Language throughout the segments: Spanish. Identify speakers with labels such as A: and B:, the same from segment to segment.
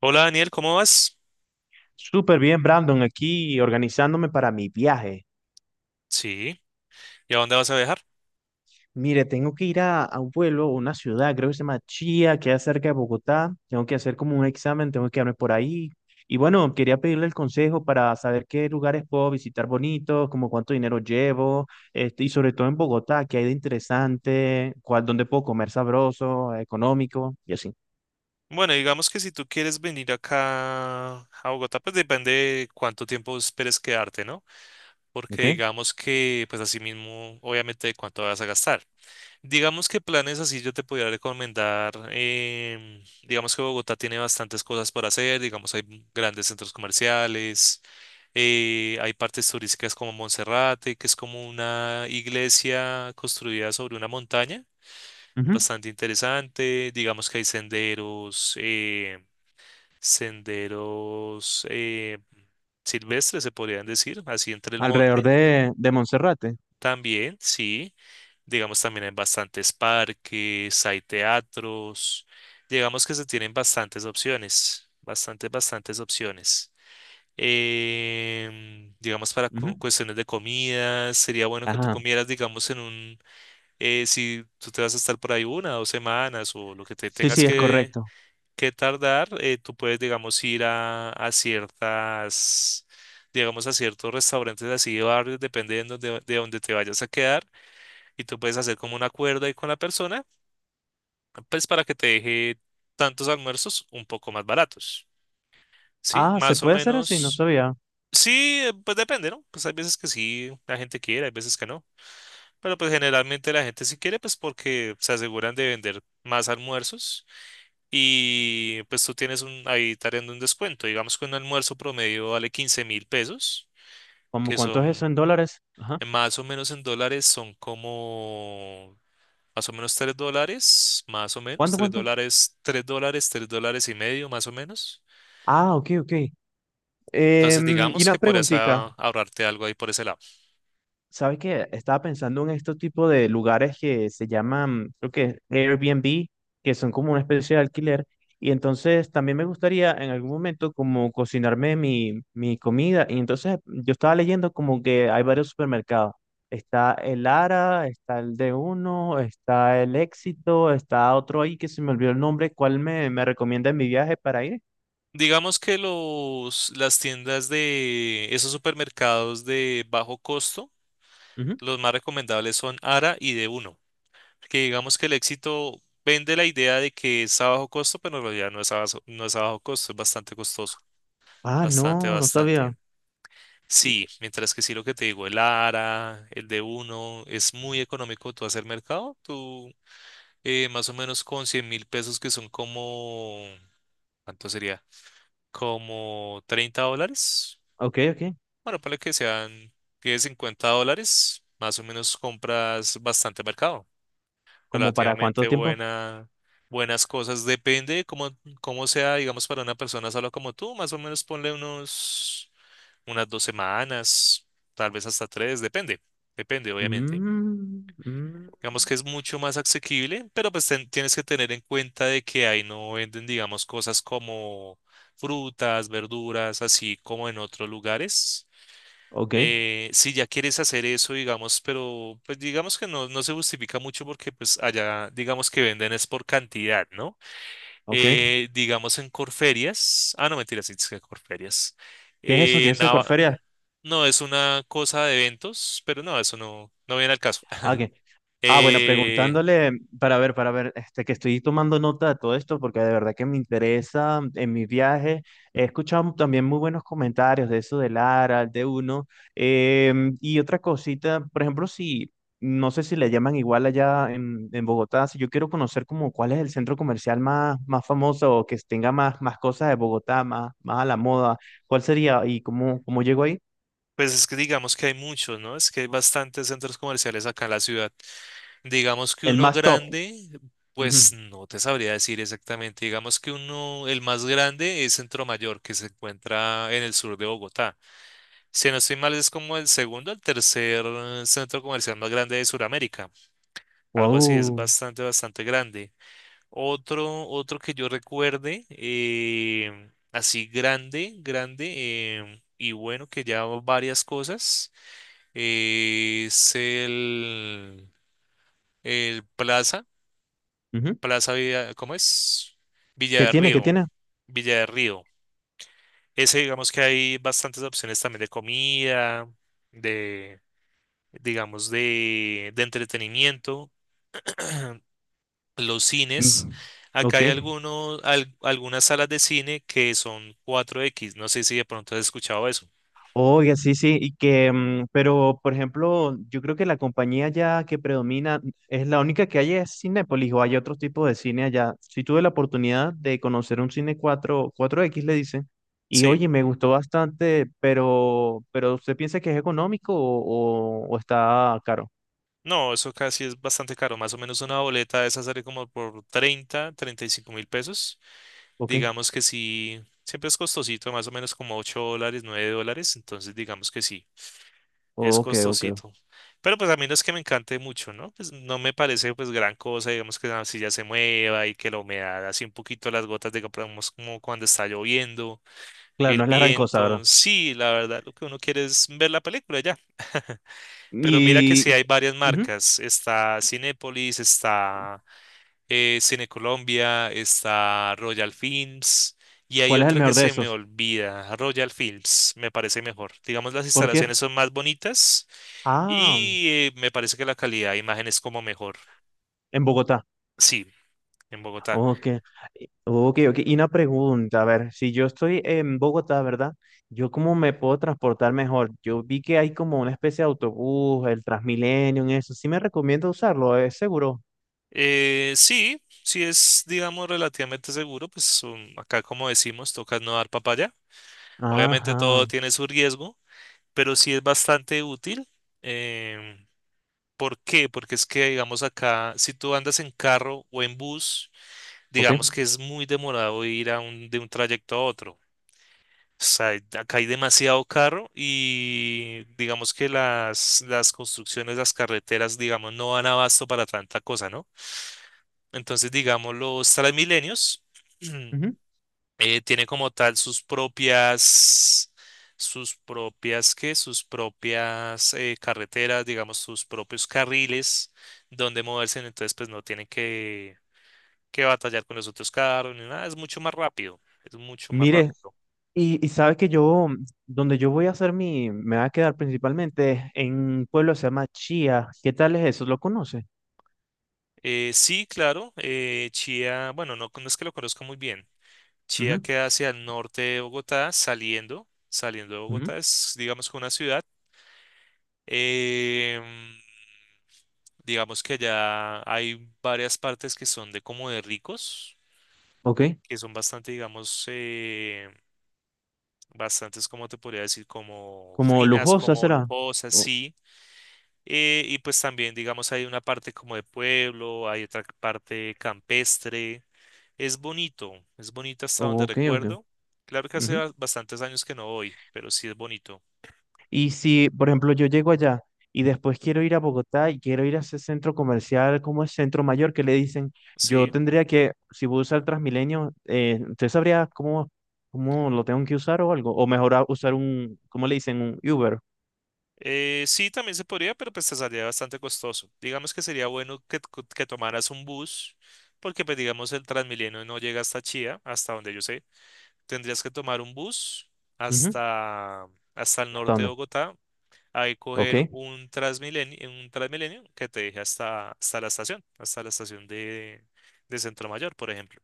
A: Hola Daniel, ¿cómo vas?
B: Súper bien, Brandon, aquí organizándome para mi viaje.
A: Sí. ¿Y a dónde vas a viajar?
B: Mire, tengo que ir a un pueblo, una ciudad, creo que se llama Chía, que es cerca de Bogotá. Tengo que hacer como un examen, tengo que quedarme por ahí. Y bueno, quería pedirle el consejo para saber qué lugares puedo visitar bonitos, como cuánto dinero llevo, este, y sobre todo en Bogotá, qué hay de interesante, cuál, dónde puedo comer sabroso, económico, y así.
A: Bueno, digamos que si tú quieres venir acá a Bogotá, pues depende de cuánto tiempo esperes quedarte, ¿no? Porque
B: ¿Ok?
A: digamos que, pues así mismo, obviamente, de cuánto vas a gastar. Digamos que planes así yo te podría recomendar, digamos que Bogotá tiene bastantes cosas por hacer, digamos hay grandes centros comerciales, hay partes turísticas como Monserrate, que es como una iglesia construida sobre una montaña
B: Ujú.
A: bastante interesante. Digamos que hay senderos, senderos silvestres, se podrían decir, así entre el
B: Alrededor
A: monte.
B: de Monserrate.
A: También, sí. Digamos, también hay bastantes parques, hay teatros. Digamos que se tienen bastantes opciones, bastantes, bastantes opciones. Digamos, para
B: Ujú.
A: cuestiones de comida, sería bueno que tú
B: Ajá.
A: comieras, digamos, en un, si tú te vas a estar por ahí una, dos semanas o lo que te
B: Sí,
A: tengas
B: sí, es correcto.
A: que tardar, tú puedes, digamos, ir a ciertas, digamos, a ciertos restaurantes así de barrios, depende de donde te vayas a quedar, y tú puedes hacer como un acuerdo ahí con la persona, pues para que te deje tantos almuerzos un poco más baratos, ¿sí?
B: Ah, se
A: Más o
B: puede hacer así, no
A: menos,
B: sabía.
A: sí, pues depende, ¿no? Pues hay veces que sí, la gente quiere, hay veces que no. Pero pues generalmente la gente si quiere, pues porque se aseguran de vender más almuerzos y pues tú tienes un, ahí tariendo un descuento. Digamos que un almuerzo promedio vale 15.000 pesos,
B: ¿Cómo
A: que
B: cuánto es eso en
A: son
B: dólares? Ajá.
A: más o menos en dólares, son como más o menos 3 dólares, más o menos,
B: ¿Cuánto,
A: 3
B: cuánto?
A: dólares, 3 dólares, 3 dólares y medio, más o menos.
B: Ah, ok, ok.
A: Entonces
B: Em, y
A: digamos
B: una
A: que podrías
B: preguntita,
A: ahorrarte algo ahí por ese lado.
B: ¿sabes qué? Estaba pensando en este tipo de lugares que se llaman, creo que es Airbnb, que son como una especie de alquiler. Y entonces también me gustaría en algún momento como cocinarme mi comida. Y entonces yo estaba leyendo como que hay varios supermercados. Está el Ara, está el de uno, está el Éxito, está otro ahí que se me olvidó el nombre. ¿Cuál me recomienda en mi viaje para ir?
A: Digamos que los, las tiendas de esos supermercados de bajo costo,
B: Ujú.
A: los más recomendables son ARA y d uno, que digamos que el éxito vende la idea de que es a bajo costo, pero en realidad no es a bajo, no es a bajo costo, es bastante costoso,
B: Ah,
A: bastante,
B: no, no sabía.
A: bastante.
B: Y-
A: Sí, mientras que sí lo que te digo, el ARA, el d uno es muy económico tú hacer mercado, tú, más o menos con 100.000 pesos que son como, ¿cuánto sería? Como $30.
B: ok, ok.
A: Bueno, para que sean 10, $50, más o menos compras bastante mercado,
B: ¿Como para cuánto
A: relativamente
B: tiempo?
A: buena, buenas cosas. Depende de cómo, cómo sea, digamos, para una persona solo como tú, más o menos ponle unos, unas dos semanas, tal vez hasta tres, depende, depende, obviamente.
B: Mm, mm,
A: Digamos que es mucho más asequible, pero pues tienes que tener en cuenta de que ahí no venden, digamos, cosas como frutas, verduras, así como en otros lugares.
B: ok,
A: Si ya quieres hacer eso, digamos, pero pues digamos que no, no se justifica mucho porque pues allá digamos que venden es por cantidad, ¿no?
B: ok. ¿Qué
A: Digamos en Corferias, ah, no, mentira sí, es que Corferias.
B: es eso? ¿Qué
A: Eh,
B: es eso de Corferia?
A: Nava- no, es una cosa de eventos, pero no, eso no, no viene al caso.
B: Ah, ok. Ah, bueno,
A: Eh,
B: preguntándole para ver, este, que estoy tomando nota de todo esto porque de verdad que me interesa, mm, en mi viaje. He escuchado también muy buenos comentarios de eso de Lara, de uno. Em, y otra cosita, por ejemplo, si, no sé si le llaman igual allá en Bogotá, si yo quiero conocer como cuál es el centro comercial más famoso o que tenga más cosas de Bogotá, más a la moda, ¿cuál sería y cómo llego ahí?
A: pues es que digamos que hay muchos, ¿no? Es que hay bastantes centros comerciales acá en la ciudad. Digamos que
B: El
A: uno
B: más top.
A: grande, pues
B: Ujú.
A: no te sabría decir exactamente. Digamos que uno, el más grande es Centro Mayor, que se encuentra en el sur de Bogotá. Si no estoy mal, es como el segundo, el tercer centro comercial más grande de Sudamérica. Algo así, es
B: Guau.
A: bastante, bastante grande. Otro, otro que yo recuerde, así grande, grande, y bueno, que ya varias cosas, es el Plaza
B: Ujú.
A: Plaza Villa, ¿cómo es? Villa
B: ¿Qué
A: de
B: tiene? ¿Qué
A: Río,
B: tiene?
A: Villa de Río. Ese, digamos que hay bastantes opciones también de comida, de, digamos, de entretenimiento. Los cines,
B: Mm,
A: acá
B: ok,
A: hay algunos, algunas salas de cine que son cuatro x. No sé si de pronto has escuchado eso.
B: oiga, sí, sí, y que, mm, pero por ejemplo, yo creo que la compañía ya que predomina es la única que hay es Cinépolis, o hay otro tipo de cine allá. Sí tuve la oportunidad de conocer un cine cuatro x le dicen, y
A: Sí,
B: oye, me gustó bastante, pero ¿usted piensa que es económico o, o está caro?
A: no, eso casi es bastante caro. Más o menos una boleta de esa sale como por treinta, treinta y cinco mil pesos.
B: Ok,
A: Digamos que sí, siempre es costosito, más o menos como $8, $9, entonces digamos que sí, es
B: ok, ok.
A: costosito. Pero pues a mí no es que me encante mucho, ¿no? Pues no me parece pues gran cosa, digamos que la silla se mueva y que la humedad, así un poquito las gotas, digamos como cuando está lloviendo,
B: Claro,
A: el
B: no es la gran cosa, ¿verdad?
A: viento, sí, la verdad lo que uno quiere es ver la película ya. Pero mira que sí
B: Y,
A: hay varias
B: ujú,
A: marcas, está Cinépolis, está Cine Colombia, está Royal Films y hay
B: ¿cuál es el
A: otra que
B: mejor de
A: se me
B: esos?
A: olvida, Royal Films, me parece mejor. Digamos, las
B: Porque,
A: instalaciones son más bonitas
B: ah,
A: y me parece que la calidad de imagen es como mejor.
B: en Bogotá.
A: Sí, en Bogotá.
B: Ok, ok, ok. Y una pregunta, a ver, si yo estoy en Bogotá, ¿verdad? ¿Yo cómo me puedo transportar mejor? Yo vi que hay como una especie de autobús, el Transmilenio, en eso. Sí me recomiendo usarlo, es seguro.
A: Sí, sí es, digamos, relativamente seguro, pues acá como decimos, toca no dar papaya. Obviamente todo
B: Ajá,
A: tiene su riesgo, pero sí es bastante útil. em, ¿Por qué? Porque es que, digamos, acá, si tú andas en carro o en bus,
B: ok.
A: digamos que es muy demorado ir a un, de un trayecto a otro. O sea, acá hay demasiado carro y digamos que las construcciones, las carreteras, digamos, no dan abasto para tanta cosa, ¿no? Entonces, digamos, los Transmilenios
B: Ujú.
A: tienen como tal sus propias, ¿qué? Sus propias carreteras, digamos, sus propios carriles donde moverse. Entonces, pues no tienen que batallar con los otros carros ni nada, es mucho más rápido, es mucho más
B: Mire,
A: rápido.
B: y sabes que yo, donde yo voy a hacer mi, me va a quedar principalmente en un pueblo que se llama Chía. ¿Qué tal es eso? ¿Lo conoces?
A: Sí, claro, Chía, bueno, no, no es que lo conozca muy bien. Chía
B: Ujú,
A: queda hacia el norte de Bogotá, saliendo, saliendo de
B: ujú.
A: Bogotá, es digamos que una ciudad. Eh, digamos que allá hay varias partes que son de como de ricos,
B: Ok,
A: que son bastante, digamos, bastantes, como te podría decir, como
B: como
A: finas,
B: lujosa
A: como
B: será.
A: lujosas,
B: O-
A: sí. Y pues también, digamos, hay una parte como de pueblo, hay otra parte campestre. Es bonito, es bonito hasta donde
B: ok, ok.
A: recuerdo. Claro que hace
B: Ujú.
A: bastantes años que no voy, pero sí es bonito.
B: Y si, por ejemplo, yo llego allá y después quiero ir a Bogotá y quiero ir a ese centro comercial como el Centro Mayor, que le dicen, yo
A: Sí.
B: tendría que, si voy a usar Transmilenio, ¿usted sabría cómo lo tengo que usar o algo? O mejor usar un, ¿cómo le dicen? Un Uber.
A: Sí, también se podría, pero pues te saldría bastante costoso. Digamos que sería bueno que, que tomaras un bus, porque pues digamos el Transmilenio no llega hasta Chía, hasta donde yo sé. Tendrías que tomar un bus
B: Ujú.
A: hasta, hasta el
B: ¿Hasta
A: norte de
B: dónde?
A: Bogotá, ahí
B: Ok.
A: coger un Transmilenio que te deje hasta, hasta la estación de Centro Mayor, por ejemplo.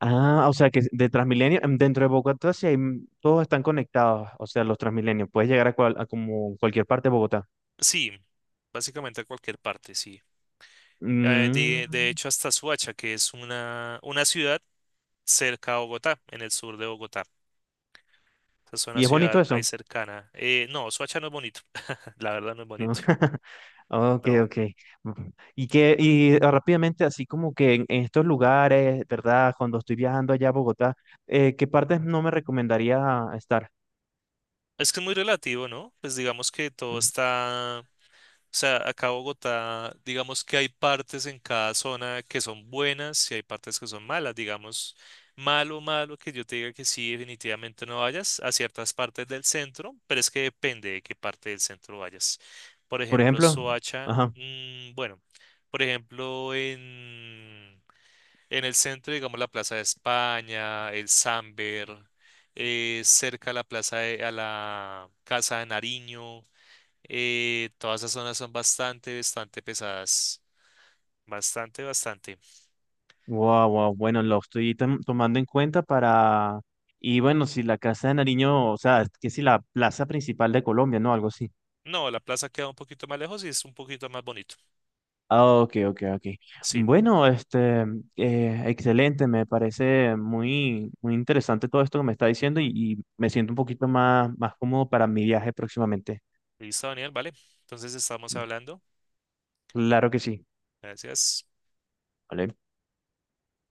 B: Ah, o sea que de Transmilenio, em, dentro de Bogotá, sí hay, todos están conectados, o sea, los Transmilenios, puedes llegar a, cual- a como cualquier parte de Bogotá.
A: Sí, básicamente a cualquier parte, sí.
B: Mm,
A: De hecho, hasta Suacha, que es una ciudad cerca a Bogotá, en el sur de Bogotá. Esa es una
B: y es
A: ciudad
B: bonito
A: ahí
B: eso.
A: cercana. No, Suacha no es bonito. La verdad no es bonito.
B: Ah, ok,
A: No.
B: ok. Ujú. Y que, y ah, rápidamente, así como que en estos lugares, ¿verdad? Cuando estoy viajando allá a Bogotá, ¿qué partes no me recomendaría estar?
A: Es que es muy relativo, ¿no? Pues digamos que todo
B: Mm,
A: está. O sea, acá Bogotá, digamos que hay partes en cada zona que son buenas y hay partes que son malas. Digamos, malo, malo que yo te diga que sí, definitivamente no vayas a ciertas partes del centro, pero es que depende de qué parte del centro vayas. Por
B: por
A: ejemplo,
B: ejemplo,
A: Soacha,
B: ajá.
A: bueno, por ejemplo, en el centro, digamos, la Plaza de España, el Samber, cerca a la Casa de Nariño. Todas esas zonas son bastante, bastante pesadas. Bastante, bastante.
B: Wow, wow. Bueno, lo estoy tomando en cuenta para. Y bueno, si la Casa de Nariño, o sea, que si la plaza principal de Colombia, ¿no? Algo así.
A: No, la plaza queda un poquito más lejos y es un poquito más bonito.
B: Ah, ok, ok, ok.
A: Sí.
B: Bueno, este, excelente, me parece muy, muy interesante todo esto que me está diciendo y, me siento un poquito más, más cómodo para mi viaje próximamente.
A: Listo, Daniel, vale. Entonces estamos hablando.
B: Claro que sí.
A: Gracias.
B: ¿Vale?